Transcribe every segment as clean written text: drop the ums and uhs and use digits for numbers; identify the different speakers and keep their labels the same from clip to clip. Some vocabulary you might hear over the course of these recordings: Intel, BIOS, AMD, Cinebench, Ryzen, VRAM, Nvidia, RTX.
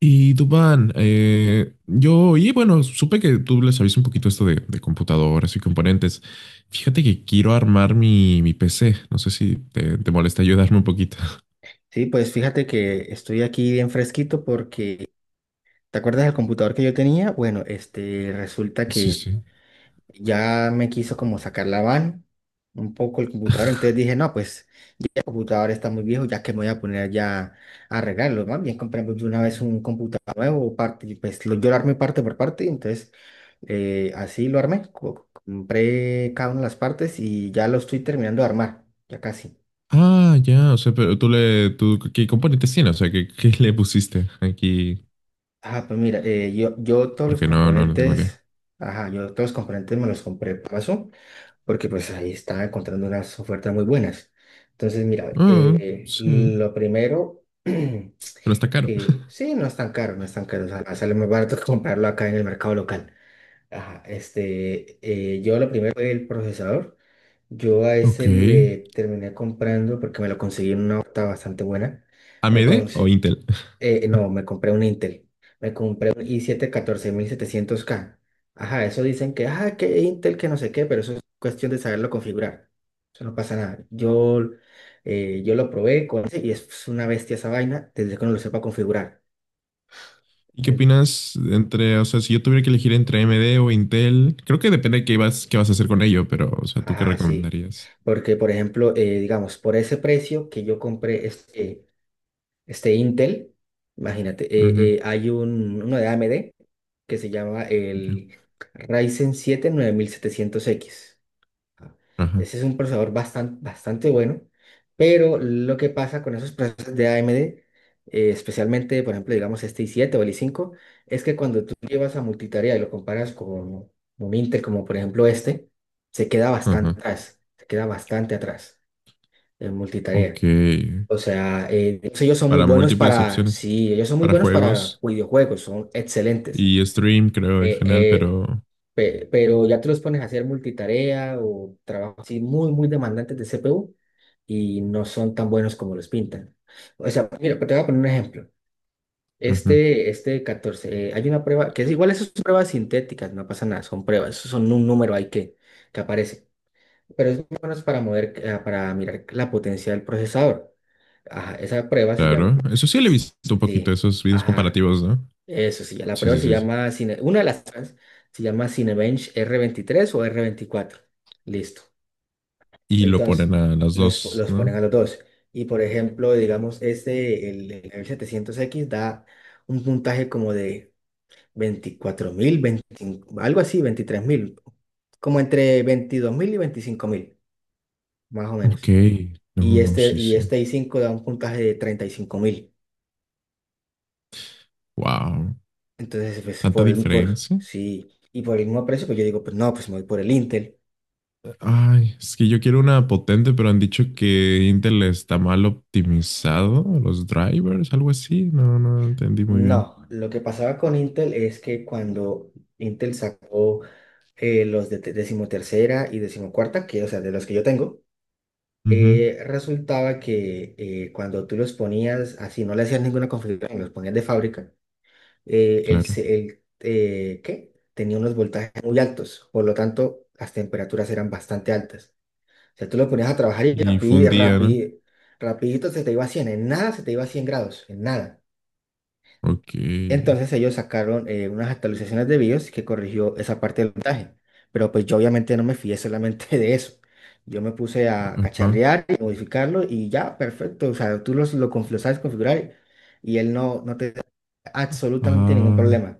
Speaker 1: Y Dubán, yo, y bueno, supe que tú le sabías un poquito esto de, computadoras y componentes. Fíjate que quiero armar mi, PC. No sé si te molesta ayudarme un poquito.
Speaker 2: Sí, pues fíjate que estoy aquí bien fresquito porque, ¿te acuerdas del computador que yo tenía? Bueno, este, resulta
Speaker 1: Sí,
Speaker 2: que
Speaker 1: sí.
Speaker 2: ya me quiso como sacar la van un poco el computador, entonces dije, no, pues el computador está muy viejo, ya que me voy a poner ya a arreglarlo, más bien compramos de una vez un computador nuevo, parte, y pues lo, yo lo armé parte por parte, entonces así lo armé, compré cada una de las partes y ya lo estoy terminando de armar, ya casi.
Speaker 1: Ah, ya, o sea, pero ¿qué componentes tiene? O sea, ¿qué le pusiste aquí?
Speaker 2: Ah, pues mira, yo todos los
Speaker 1: Porque no tengo idea.
Speaker 2: componentes, ajá, yo todos los componentes me los compré paso, porque pues ahí estaba encontrando unas ofertas muy buenas. Entonces, mira,
Speaker 1: Ah, sí,
Speaker 2: lo primero, que
Speaker 1: pero está caro.
Speaker 2: sí, no es tan caro, no es tan caro, o sea, sale más barato que comprarlo acá en el mercado local. Ajá, yo lo primero fue el procesador. Yo a
Speaker 1: Ok.
Speaker 2: ese le terminé comprando porque me lo conseguí en una oferta bastante buena. Me,
Speaker 1: ¿AMD o
Speaker 2: conse-
Speaker 1: Intel?
Speaker 2: no, me compré un Intel. Me compré un i7-14700K. Ajá, eso dicen que, que Intel, que no sé qué, pero eso es cuestión de saberlo configurar. Eso no pasa nada. Yo lo probé con ese y es una bestia esa vaina desde que uno lo sepa configurar.
Speaker 1: ¿Y qué
Speaker 2: En-
Speaker 1: opinas entre, o sea, si yo tuviera que elegir entre AMD o Intel? Creo que depende de qué vas a hacer con ello, pero, o sea, ¿tú qué
Speaker 2: Ajá, sí.
Speaker 1: recomendarías?
Speaker 2: Porque, por ejemplo, digamos, por ese precio que yo compré este Intel, imagínate,
Speaker 1: Ujú,
Speaker 2: hay uno de AMD que se llama
Speaker 1: ya.
Speaker 2: el Ryzen 7 9700X. Ajá.
Speaker 1: Ajá,
Speaker 2: Ese es un procesador bastante, bastante bueno, pero lo que pasa con esos procesadores de AMD, especialmente, por ejemplo, digamos este i7 o el i5, es que cuando tú llevas a multitarea y lo comparas con un Intel como por ejemplo este, se queda
Speaker 1: ajá.
Speaker 2: bastante atrás, se queda bastante atrás en multitarea.
Speaker 1: Ok.
Speaker 2: O sea, ellos son muy
Speaker 1: Para
Speaker 2: buenos
Speaker 1: múltiples
Speaker 2: para,
Speaker 1: opciones,
Speaker 2: sí, ellos son muy
Speaker 1: para
Speaker 2: buenos para
Speaker 1: juegos
Speaker 2: videojuegos, son excelentes.
Speaker 1: y stream, creo, en
Speaker 2: Eh,
Speaker 1: general,
Speaker 2: eh,
Speaker 1: pero...
Speaker 2: pero ya te los pones a hacer multitarea o trabajos así muy, muy demandantes de CPU y no son tan buenos como los pintan. O sea, mira, te voy a poner un ejemplo.
Speaker 1: Ujú.
Speaker 2: Este 14, hay una prueba que es igual, esas son pruebas sintéticas, no pasa nada, son pruebas, eso son un número ahí que aparece pero es más o menos para mirar la potencia del procesador. Ajá, esa prueba se llama...
Speaker 1: Claro. Eso sí, le he visto un poquito
Speaker 2: Sí,
Speaker 1: esos videos
Speaker 2: ajá,
Speaker 1: comparativos, ¿no?
Speaker 2: eso sí, la
Speaker 1: Sí,
Speaker 2: prueba
Speaker 1: sí,
Speaker 2: se
Speaker 1: sí, sí.
Speaker 2: llama... una de las pruebas se llama Cinebench R23 o R24. Listo.
Speaker 1: Y lo ponen
Speaker 2: Entonces,
Speaker 1: a las dos,
Speaker 2: los ponen
Speaker 1: ¿no?
Speaker 2: a los dos. Y por ejemplo, digamos, el R700X da un puntaje como de 24.000 25 algo así, 23.000, como entre 22.000 y 25.000 más o
Speaker 1: Ok.
Speaker 2: menos,
Speaker 1: No,
Speaker 2: y
Speaker 1: no,
Speaker 2: este,
Speaker 1: sí, sí.
Speaker 2: i5 da un puntaje de 35.000.
Speaker 1: Wow.
Speaker 2: Entonces, pues
Speaker 1: ¿Tanta
Speaker 2: por el, por,
Speaker 1: diferencia?
Speaker 2: sí, y por el mismo precio, pues yo digo, pues no, pues me voy por el Intel.
Speaker 1: Ay, es que yo quiero una potente, pero han dicho que Intel está mal optimizado, los drivers, algo así. No entendí muy bien.
Speaker 2: No, lo que pasaba con Intel es que cuando Intel sacó los de decimotercera y decimocuarta, que, o sea, de los que yo tengo,
Speaker 1: Ujú,
Speaker 2: resultaba que cuando tú los ponías así, no le hacías ninguna configuración, los ponías de fábrica, el,
Speaker 1: claro.
Speaker 2: se- el, ¿qué? Tenía unos voltajes muy altos, por lo tanto, las temperaturas eran bastante altas. O sea, tú lo ponías a trabajar y
Speaker 1: Y
Speaker 2: rapidito,
Speaker 1: fundía, ¿no?
Speaker 2: rapidito, rapidito se te iba a 100, en nada se te iba a 100 grados, en nada.
Speaker 1: Ok.
Speaker 2: Entonces ellos sacaron unas actualizaciones de BIOS que corrigió esa parte del voltaje. Pero pues yo obviamente no me fié solamente de eso. Yo me puse a
Speaker 1: Ajá.
Speaker 2: cacharrear y modificarlo y ya, perfecto. O sea, tú lo sabes configurar y él no te da absolutamente ningún
Speaker 1: Ah,
Speaker 2: problema.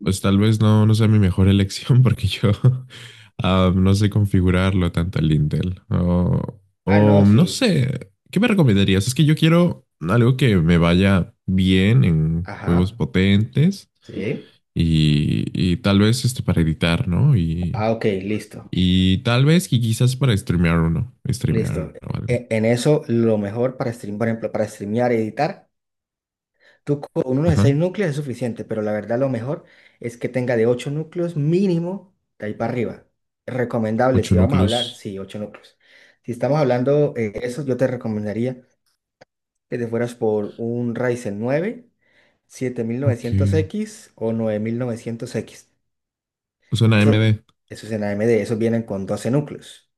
Speaker 1: pues tal vez no sea mi mejor elección porque yo no sé configurarlo tanto el Intel. O,
Speaker 2: Ah, no,
Speaker 1: o
Speaker 2: sí.
Speaker 1: no sé, ¿qué me recomendarías? Es que yo quiero algo que me vaya bien en juegos
Speaker 2: Ajá,
Speaker 1: potentes.
Speaker 2: sí.
Speaker 1: Y tal vez este para editar, ¿no? Y,
Speaker 2: Ah, ok, listo,
Speaker 1: y tal vez y quizás para
Speaker 2: listo.
Speaker 1: streamear o algo.
Speaker 2: En eso, lo mejor para stream, por ejemplo, para streamear y editar, tú con uno de seis
Speaker 1: Ajá,
Speaker 2: núcleos es suficiente, pero la verdad lo mejor es que tenga de 8 núcleos mínimo de ahí para arriba. Recomendable, si
Speaker 1: ocho
Speaker 2: vamos a hablar,
Speaker 1: núcleos.
Speaker 2: sí, 8 núcleos. Si estamos hablando de eso, yo te recomendaría que te fueras por un Ryzen nueve siete mil
Speaker 1: Ok.
Speaker 2: novecientos x o nueve mil novecientos x
Speaker 1: Usa una
Speaker 2: Eso,
Speaker 1: AMD,
Speaker 2: eso es en AMD, esos vienen con 12 núcleos.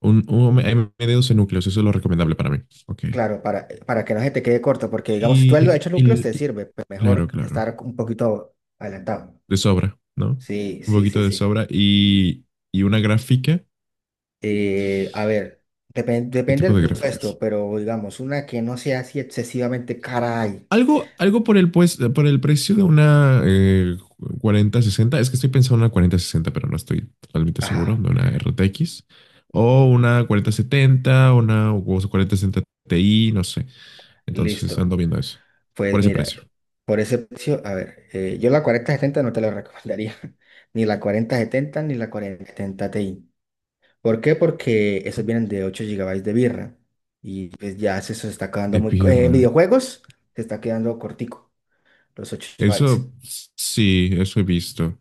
Speaker 1: un AMD 12 núcleos, eso es lo recomendable para mí. Ok.
Speaker 2: Claro, para que no se te quede corto, porque digamos, si tú
Speaker 1: Y,
Speaker 2: lo has hecho núcleos, te
Speaker 1: y- y-
Speaker 2: sirve, pero
Speaker 1: claro,
Speaker 2: mejor estar
Speaker 1: claro,
Speaker 2: un poquito adelantado.
Speaker 1: de sobra, ¿no?
Speaker 2: Sí,
Speaker 1: Un
Speaker 2: sí,
Speaker 1: poquito
Speaker 2: sí,
Speaker 1: de
Speaker 2: sí.
Speaker 1: sobra y una gráfica.
Speaker 2: A ver,
Speaker 1: ¿Qué
Speaker 2: depende
Speaker 1: tipo
Speaker 2: del
Speaker 1: de
Speaker 2: presupuesto,
Speaker 1: gráficas?
Speaker 2: pero digamos, una que no sea así excesivamente caray.
Speaker 1: Algo, pues, por el precio de una cuarenta sesenta. Es que estoy pensando en una cuarenta sesenta, pero no estoy totalmente seguro.
Speaker 2: Ajá,
Speaker 1: De una RTX. O una cuarenta setenta una o 4060 Ti, no sé. Entonces
Speaker 2: listo.
Speaker 1: ando viendo eso. Por
Speaker 2: Pues
Speaker 1: ese
Speaker 2: mira,
Speaker 1: precio.
Speaker 2: por ese precio, a ver, yo la 4070 no te la recomendaría, ni la 4070 ni la 4070 Ti. ¿Por qué? Porque esos vienen de 8 GB de birra. Y pues ya eso se está quedando
Speaker 1: De
Speaker 2: muy... En
Speaker 1: pirra.
Speaker 2: videojuegos se está quedando cortico, los 8 GB.
Speaker 1: Eso sí, eso he visto.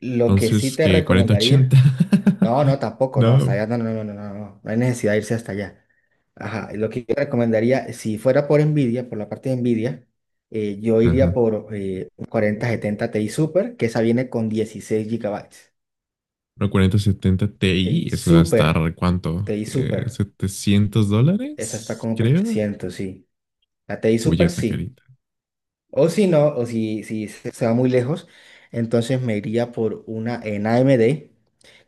Speaker 2: Lo que sí
Speaker 1: Entonces,
Speaker 2: te
Speaker 1: ¿que cuarenta
Speaker 2: recomendaría...
Speaker 1: ochenta?
Speaker 2: No, no, tampoco, no, hasta
Speaker 1: No.
Speaker 2: allá, no, no, no, no, no, no, no hay necesidad de irse hasta allá. Ajá, y lo que yo recomendaría, si fuera por Nvidia, por la parte de Nvidia, yo iría
Speaker 1: Ajá.
Speaker 2: por un 4070 Ti Super, que esa viene con 16 GB.
Speaker 1: Una cuarenta setenta
Speaker 2: Ti
Speaker 1: Ti, eso va a
Speaker 2: Super,
Speaker 1: estar, ¿cuánto?
Speaker 2: Ti Super,
Speaker 1: 700
Speaker 2: esa está
Speaker 1: dólares,
Speaker 2: como por
Speaker 1: creo.
Speaker 2: ciento sí. La Ti
Speaker 1: Oye,
Speaker 2: Super
Speaker 1: esta
Speaker 2: sí.
Speaker 1: carita.
Speaker 2: O si no, o si se va muy lejos, entonces me iría por una en AMD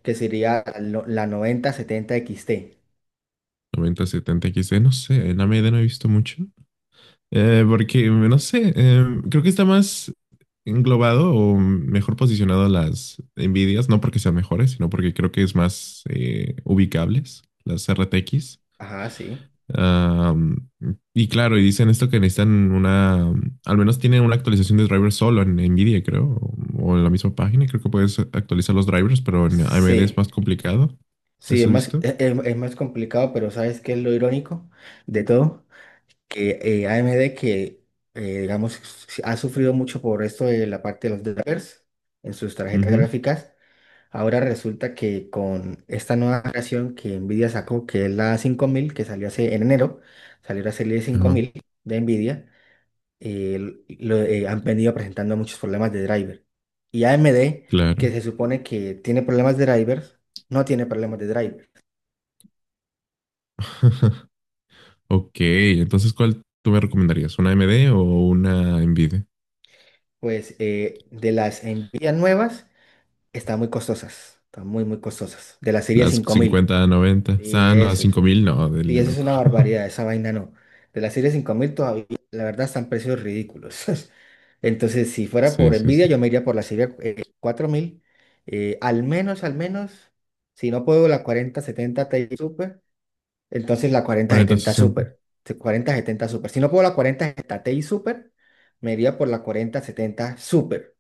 Speaker 2: que sería la 9070 XT.
Speaker 1: Noventa setenta x XD, no sé, en AMD no he visto mucho. Porque, no sé, creo que está más englobado o mejor posicionado las Nvidias, no porque sean mejores, sino porque creo que es más ubicables las RTX.
Speaker 2: Ajá, sí.
Speaker 1: Ah, y claro, y dicen esto que necesitan al menos tienen una actualización de drivers solo en Nvidia, creo, o en la misma página, creo que puedes actualizar los drivers, pero en AMD es
Speaker 2: Sí,
Speaker 1: más complicado.
Speaker 2: sí, es
Speaker 1: ¿Eso he
Speaker 2: más,
Speaker 1: visto?
Speaker 2: es, es más complicado, pero ¿sabes qué es lo irónico de todo? Que AMD que digamos, ha sufrido mucho por esto de la parte de los drivers en sus tarjetas
Speaker 1: Ujú.
Speaker 2: gráficas. Ahora resulta que con esta nueva generación que Nvidia sacó, que es la 5000, que salió hace en enero, salió la serie
Speaker 1: Ajá,
Speaker 2: 5000 de Nvidia, eh, han venido presentando muchos problemas de driver. Y AMD, que
Speaker 1: claro.
Speaker 2: se supone que tiene problemas de drivers, no tiene problemas de driver.
Speaker 1: Ok, entonces, ¿cuál tú me recomendarías? ¿Una AMD o una Nvidia?
Speaker 2: Pues de las Nvidia nuevas, están muy costosas, están muy, muy costosas. De la serie
Speaker 1: Las
Speaker 2: 5000.
Speaker 1: 50, 90.
Speaker 2: Y
Speaker 1: Ah, no,
Speaker 2: eso
Speaker 1: cinco
Speaker 2: es.
Speaker 1: mil? No, del
Speaker 2: Sí, eso es
Speaker 1: loco.
Speaker 2: una barbaridad, esa vaina no. De la serie 5000 todavía, la verdad, están precios ridículos. Entonces, si fuera
Speaker 1: Sí,
Speaker 2: por
Speaker 1: sí,
Speaker 2: Nvidia,
Speaker 1: sí.
Speaker 2: yo me iría por la serie 4000. Al menos, al menos, si no puedo la 4070 Ti Super, entonces la cuarenta
Speaker 1: Cuarenta,
Speaker 2: setenta
Speaker 1: sesenta.
Speaker 2: Super. Sí, 4070 Super. Si no puedo la 4070 Ti Super, me iría por la 4070 Super.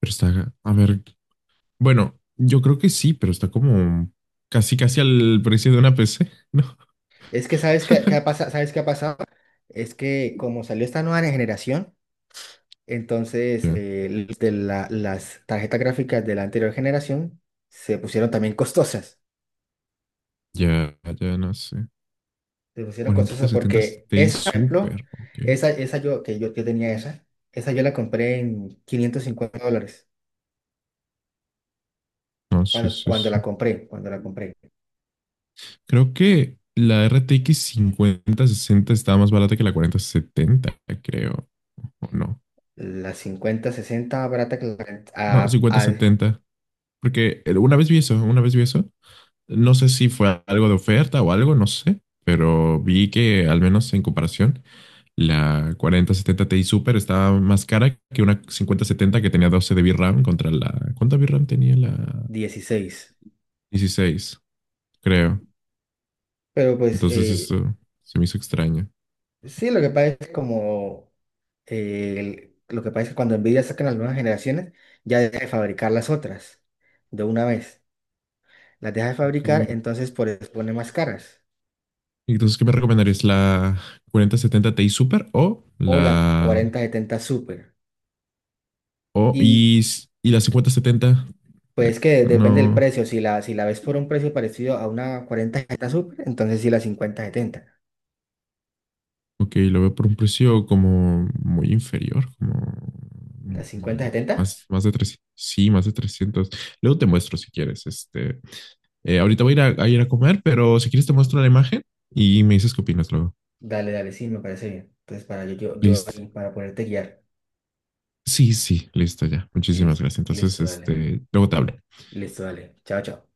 Speaker 1: Pero está, a ver, bueno, yo creo que sí, pero está como casi, casi al precio de una PC, ¿no?
Speaker 2: Es que, ¿sabes qué, qué ¿sabes qué ha pasado? Es que como salió esta nueva generación, entonces,
Speaker 1: Ya,
Speaker 2: las tarjetas gráficas de la anterior generación se pusieron también costosas.
Speaker 1: ya, ya no sé.
Speaker 2: Se pusieron
Speaker 1: 40,
Speaker 2: costosas
Speaker 1: 70,
Speaker 2: porque
Speaker 1: Ti
Speaker 2: esa, por ejemplo,
Speaker 1: Super, ok.
Speaker 2: esa yo, que yo tenía esa, esa yo la compré en $550.
Speaker 1: No, sí,
Speaker 2: Cuando,
Speaker 1: sí,
Speaker 2: cuando la
Speaker 1: sí.
Speaker 2: compré, cuando la compré.
Speaker 1: Creo que la RTX 5060 estaba más barata que la 4070, creo. O no.
Speaker 2: La 5060 barata que la,
Speaker 1: No,
Speaker 2: a, a
Speaker 1: 5070. Porque una vez vi eso, una vez vi eso. No sé si fue algo de oferta o algo, no sé. Pero vi que, al menos en comparación, la 4070 Ti Super estaba más cara que una 5070 que tenía 12 de VRAM contra la. ¿Cuánta VRAM tenía la
Speaker 2: 16.
Speaker 1: 16? Creo.
Speaker 2: Pero pues
Speaker 1: Entonces, eso se me hizo extraño.
Speaker 2: sí, lo que pasa es como lo que pasa es que cuando Nvidia saca las nuevas generaciones, ya deja de fabricar las otras de una vez. Las deja de
Speaker 1: Ok.
Speaker 2: fabricar, entonces por eso pone más caras.
Speaker 1: Entonces, ¿qué me recomendarías? ¿La 4070 Ti Super o
Speaker 2: O la
Speaker 1: la...
Speaker 2: 4070 Super.
Speaker 1: O,
Speaker 2: Y
Speaker 1: y, s- y la 5070?
Speaker 2: pues
Speaker 1: Eh,
Speaker 2: que depende del
Speaker 1: no.
Speaker 2: precio. Si la ves por un precio parecido a una 4070 Super, entonces sí la 5070.
Speaker 1: Ok, lo veo por un precio como muy inferior, como mm,
Speaker 2: ¿La 5070?
Speaker 1: más de 300. Sí, más de 300. Luego te muestro si quieres. Ahorita voy a ir a comer, pero si quieres te muestro la imagen y me dices qué opinas luego.
Speaker 2: Dale, dale, sí, me parece bien. Entonces para yo
Speaker 1: Listo.
Speaker 2: ahí, para poderte guiar.
Speaker 1: Sí, sí, listo ya. Muchísimas
Speaker 2: Listo,
Speaker 1: gracias. Entonces,
Speaker 2: listo, dale.
Speaker 1: luego te hablo.
Speaker 2: Listo, dale. Chao, chao.